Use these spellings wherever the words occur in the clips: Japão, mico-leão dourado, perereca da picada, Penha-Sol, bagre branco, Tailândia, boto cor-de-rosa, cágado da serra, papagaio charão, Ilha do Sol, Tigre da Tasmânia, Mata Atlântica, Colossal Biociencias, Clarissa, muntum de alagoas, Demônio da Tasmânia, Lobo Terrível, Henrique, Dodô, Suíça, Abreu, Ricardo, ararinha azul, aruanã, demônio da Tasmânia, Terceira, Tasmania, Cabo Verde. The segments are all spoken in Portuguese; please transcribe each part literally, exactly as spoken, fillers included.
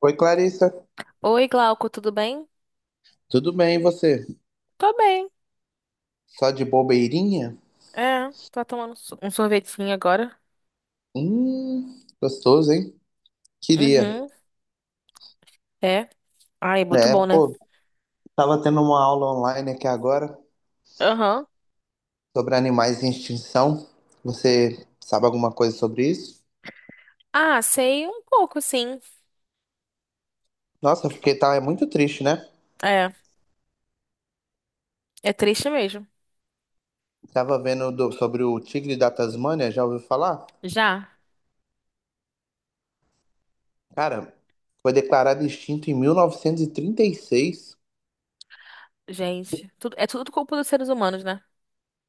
Oi, Clarissa. Oi, Glauco, tudo bem? Tudo bem, e você? Tô bem. Só de bobeirinha? É, tô tomando so- um sorvetinho agora. Hum, gostoso, hein? Queria. Uhum, é. Ai, é muito É, bom, né? pô, tava tendo uma aula online aqui agora Aham. sobre animais em extinção. Você sabe alguma coisa sobre isso? Ah, sei um pouco, sim. Nossa, porque fiquei, tá, é muito triste, né? É, é triste mesmo. Tava vendo do- sobre o tigre da Tasmânia, já ouviu falar? Já, Cara, foi declarado extinto em mil novecentos e trinta e seis. gente. Tudo, é tudo culpa dos seres humanos, né?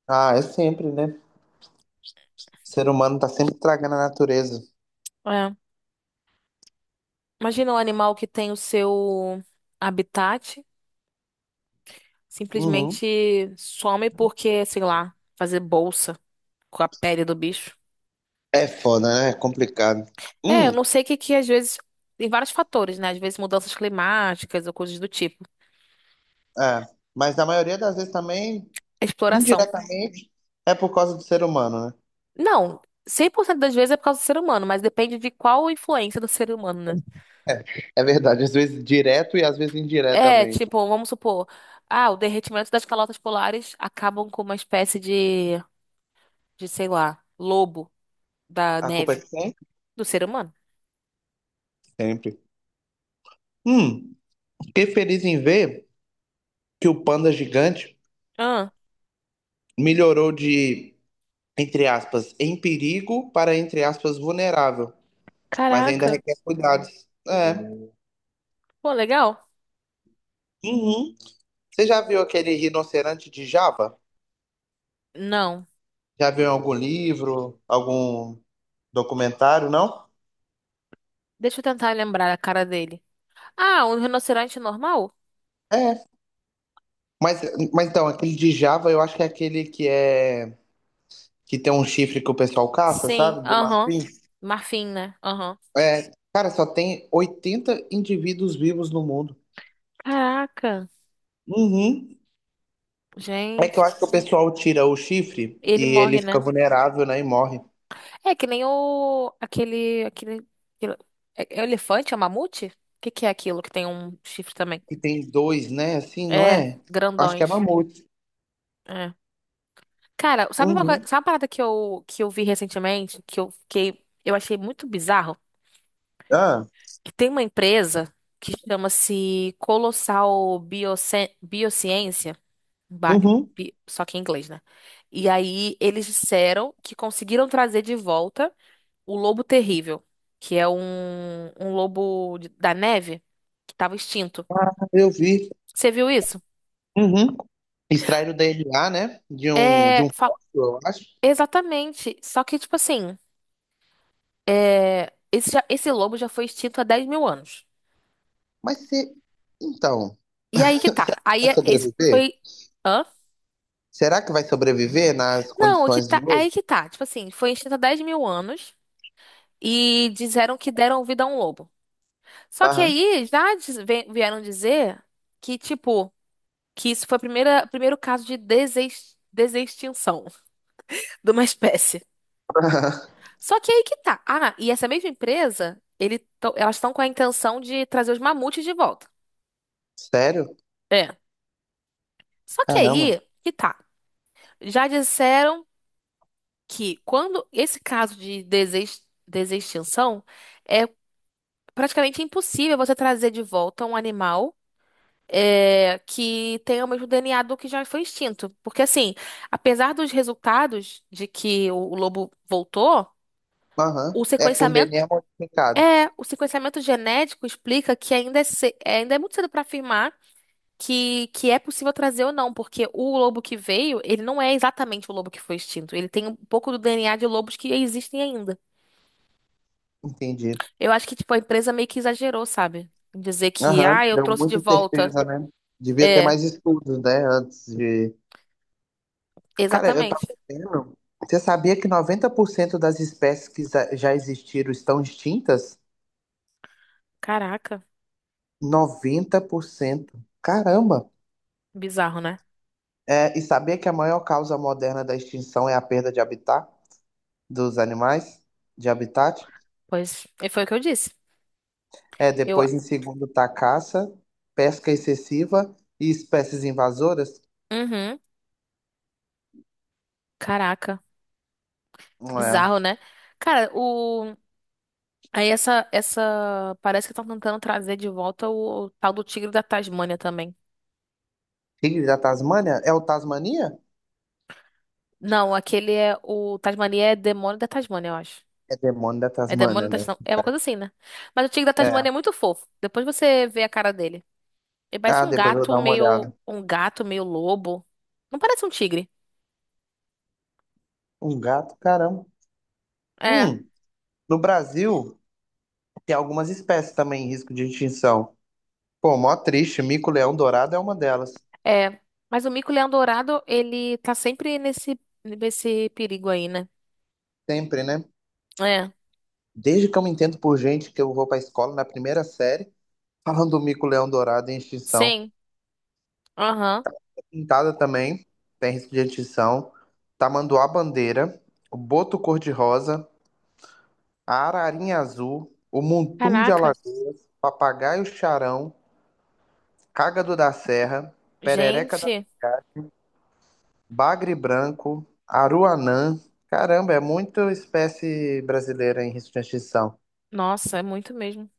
Ah, é sempre, né? O ser humano tá sempre estragando a natureza. É. Imagina um animal que tem o seu habitat, Uhum. simplesmente some porque, sei lá, fazer bolsa com a pele do bicho. É foda, né? É complicado. É, eu Hum, não sei o que que às vezes. Tem vários fatores, né? Às vezes mudanças climáticas ou coisas do tipo. é. Mas na maioria das vezes também, A exploração. indiretamente, é por causa do ser humano, né? Não, cem por cento das vezes é por causa do ser humano, mas depende de qual influência do ser humano, né? É verdade, às vezes direto e às vezes É, indiretamente. tipo, vamos supor, ah, o derretimento das calotas polares acabam com uma espécie de, de, sei lá, lobo da A culpa é neve de quem? do ser humano. Sempre. Hum, Fiquei feliz em ver que o panda gigante Ah, melhorou de, entre aspas, em perigo para, entre aspas, vulnerável. Mas ainda caraca. requer cuidados. É. Pô, legal? Uhum. Você já viu aquele rinoceronte de Java? Não. Já viu em algum livro, algum documentário, não? Deixa eu tentar lembrar a cara dele. Ah, um rinoceronte normal? É, mas, mas então, aquele de Java eu acho que é aquele que é que tem um chifre que o pessoal caça, Sim, sabe? De aham. marfim. Marfim, né? Aham. É, cara, só tem oitenta indivíduos vivos no mundo. Caraca. Uhum. É que Gente, eu acho que o pessoal tira o chifre ele e ele morre, fica né? vulnerável, né? E morre. É que nem o aquele aquele, aquele- é, é elefante, é um mamute? O que que é aquilo que tem um chifre também? E tem dois, né? Assim, não É, é? Acho que é grandões. mamute. É. Cara, sabe uma coisa, Uhum. sabe uma parada que eu que eu vi recentemente, que eu fiquei, eu achei muito bizarro, Ah, que tem uma empresa que chama-se Colossal Biocien- Biociência, ba- uhum. bi- só que em inglês, né? E aí eles disseram que conseguiram trazer de volta o Lobo Terrível, que é um, um lobo de- da neve que tava extinto. Eu vi. Você viu isso? Uhum. Extraíram o D N A, né? De um, de um É, fa- fóssil, eu acho. exatamente. Só que, tipo assim, é, esse, já- esse lobo já foi extinto há dez mil anos. Mas você. Então, E aí que tá. Aí vai é- esse sobreviver? foi. Hã? Será que vai sobreviver nas Não, o que condições tá, de é hoje? aí que tá. Tipo assim, foi extinto há dez mil anos e disseram que deram vida a um lobo. Só que Aham. aí já diz- ve- vieram dizer que, tipo, que isso foi o primeiro caso de desex- desextinção de uma espécie. Só que aí que tá. Ah, e essa mesma empresa, ele, tão- elas estão com a intenção de trazer os mamutes de volta. Sério? É. Só que Caramba. aí que tá. Já disseram que quando esse caso de desex- desextinção é praticamente impossível você trazer de volta um animal é, que tenha o mesmo D N A do que já foi extinto. Porque assim, apesar dos resultados de que o o lobo voltou, Aham. o É com sequenciamento. D N A modificado. É, o sequenciamento genético explica que ainda é, ce- é, ainda é muito cedo para afirmar que, que é possível trazer ou não, porque o lobo que veio, ele não é exatamente o lobo que foi extinto. Ele tem um pouco do D N A de lobos que existem ainda. Entendi. Eu acho que, tipo, a empresa meio que exagerou, sabe? Em dizer que, Aham. ah, eu Deu trouxe de muita volta. certeza, né? Devia ter É, mais estudos, né? Antes de. Cara, eu tava exatamente. vendo. Você sabia que noventa por cento das espécies que za- já existiram estão extintas? Caraca, noventa por cento. Caramba! bizarro, né? É, e sabia que a maior causa moderna da extinção é a perda de habitat dos animais? De habitat? Pois, e foi o que eu disse. É, Eu, depois em segundo tá caça, pesca excessiva e espécies invasoras. uhum, caraca, É. bizarro, né? Cara, o. Aí essa, essa. Parece que estão tentando trazer de volta o, o tal do Tigre da Tasmânia também. Tigre da Tasmânia? É o Tasmania? Não, aquele é. O Tasmania é Demônio da Tasmânia, eu acho. É demônio da É Demônio Tasmânia, da né? Tasmânia. É uma coisa assim, né? Mas o Tigre da É. Tasmânia é muito fofo. Depois você vê a cara dele. Ele parece Ah, um depois eu vou gato dar uma meio. olhada. Um gato meio lobo. Não parece um tigre. Um gato, caramba. É, Hum, no Brasil tem algumas espécies também em risco de extinção. Pô, mó triste, mico-leão dourado é uma delas. é. Mas o mico-leão dourado, ele tá sempre nesse, nesse perigo aí, né? Sempre, né? É. Desde que eu me entendo por gente que eu vou pra escola na primeira série, falando do mico-leão dourado em extinção. Sim. Aham. Pintada também, tem risco de extinção. Tamanduá bandeira, o boto cor-de-rosa, a ararinha azul, o muntum de Caraca. Alagoas, papagaio charão, cágado da serra, perereca da Gente. picada, bagre branco, aruanã. Caramba, é muita espécie brasileira em risco de extinção. Nossa, é muito mesmo.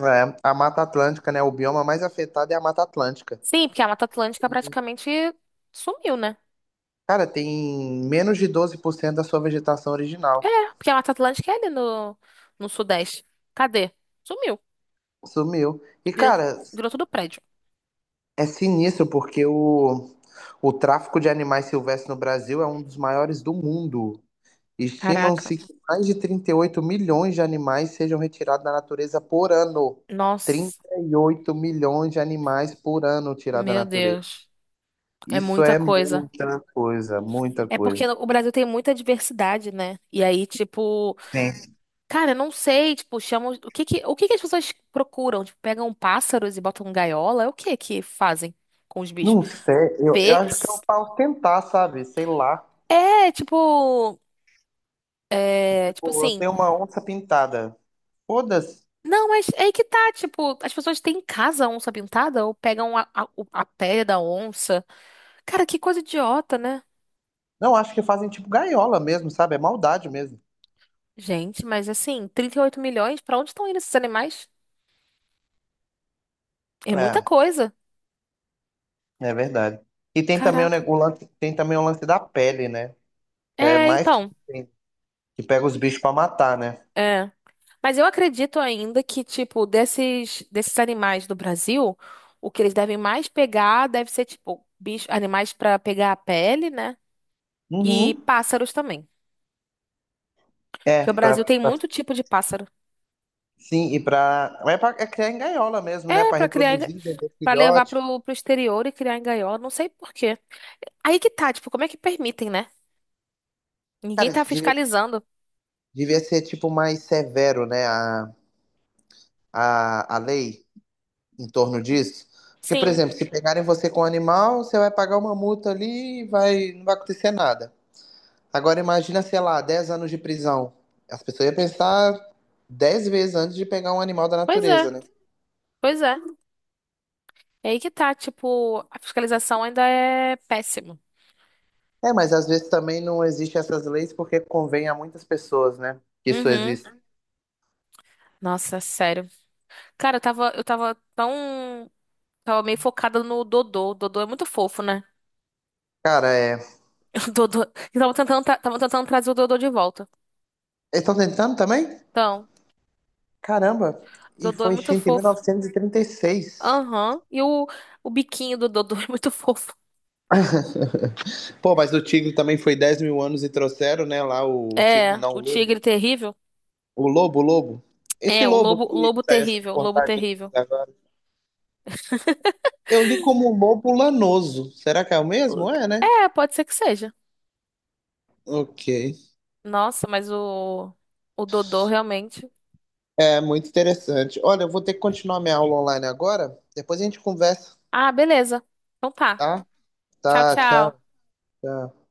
É, a Mata Atlântica, né? O bioma mais afetado é a Mata Atlântica. Sim, porque a Mata Atlântica praticamente sumiu, né? Cara, tem menos de doze por cento da sua vegetação É, original. porque a Mata Atlântica é ali no, no Sudeste. Cadê? Sumiu. Sumiu. E, Virou, cara, virou tudo prédio. é sinistro porque o, o tráfico de animais silvestres no Brasil é um dos maiores do mundo. Caraca. Estimam-se que mais de trinta e oito milhões de animais sejam retirados da natureza por ano. Nossa. trinta e oito milhões de animais por ano tirados da Meu natureza. Deus. É Isso muita é coisa. muita coisa, muita É porque coisa. o Brasil tem muita diversidade, né? E aí, tipo, Sim. cara, eu não sei, tipo, chamam. O que que, o que que as pessoas procuram? Tipo, pegam pássaros e botam gaiola? É o que que fazem com os bichos? Não sei, eu, eu Pe... acho que eu posso tentar, sabe? Sei lá. É, tipo. É, tipo Tipo, eu assim. tenho uma onça pintada. Foda-se. Não, mas é aí que tá, tipo, as pessoas têm em casa a onça pintada ou pegam a, a, o- a pele da onça. Cara, que coisa idiota, né? Não, acho que fazem tipo gaiola mesmo, sabe? É maldade mesmo. Gente, mas assim, trinta e oito milhões, pra onde estão indo esses animais? É muita É. coisa. É verdade. E tem também o, ne- Caraca. o lance, tem também o lance da pele, né? Que é É, mais que então, tem, que pega os bichos pra matar, né? é. Mas eu acredito ainda que, tipo, desses, desses animais do Brasil, o que eles devem mais pegar deve ser, tipo, bicho, animais pra pegar a pele, né? E Uhum. pássaros também. Porque o É, pra, Brasil tem pra- muito tipo de pássaro. sim, e pra. É, pra, é criar em gaiola mesmo, né? É, Pra pra criar. reproduzir, vender Pra levar filhote. pro, pro exterior e criar em gaiola, não sei por quê. Aí que tá, tipo, como é que permitem, né? Ninguém Cara, tá isso devia, fiscalizando. devia ser tipo mais severo, né? A, a, a lei em torno disso. Porque, por Sim, exemplo, se pegarem você com um animal, você vai pagar uma multa ali e vai, não vai acontecer nada. Agora imagina, sei lá, dez anos de prisão. As pessoas iam pensar dez vezes antes de pegar um animal da pois é, natureza, né? pois é. É aí que tá, tipo, a fiscalização ainda é péssima. É, mas às vezes também não existem essas leis porque convém a muitas pessoas, né? Que isso Uhum. existe. Nossa, sério. Cara, eu tava, eu tava tão. Tava meio focada no Dodô. O Dodô é muito fofo, né? Cara, é. O Dodô. Eu tava tentando, tra- tava tentando trazer o Dodô de volta. Eles estão tentando também? Então, Caramba! o E Dodô é foi muito extinto em fofo. mil novecentos e trinta e seis. Aham. E o, o biquinho do Dodô é muito fofo. Pô, mas o tigre também foi dez mil anos e trouxeram, né? Lá o, o tigre, É, não, o o lobo. tigre terrível. O lobo, o lobo. Esse É, o lobo lobo, o que lobo saiu essa terrível, o lobo reportagem terrível. toda agora. Eu li como lobo lanoso. Será que é o O- mesmo? É, né? é, pode ser que seja. Ok. Nossa, mas o, o Dodô realmente. É muito interessante. Olha, eu vou ter que continuar minha aula online agora. Depois a gente conversa, Ah, beleza. Então tá. tá? Tchau, Tá, tchau. tchau. Tchau.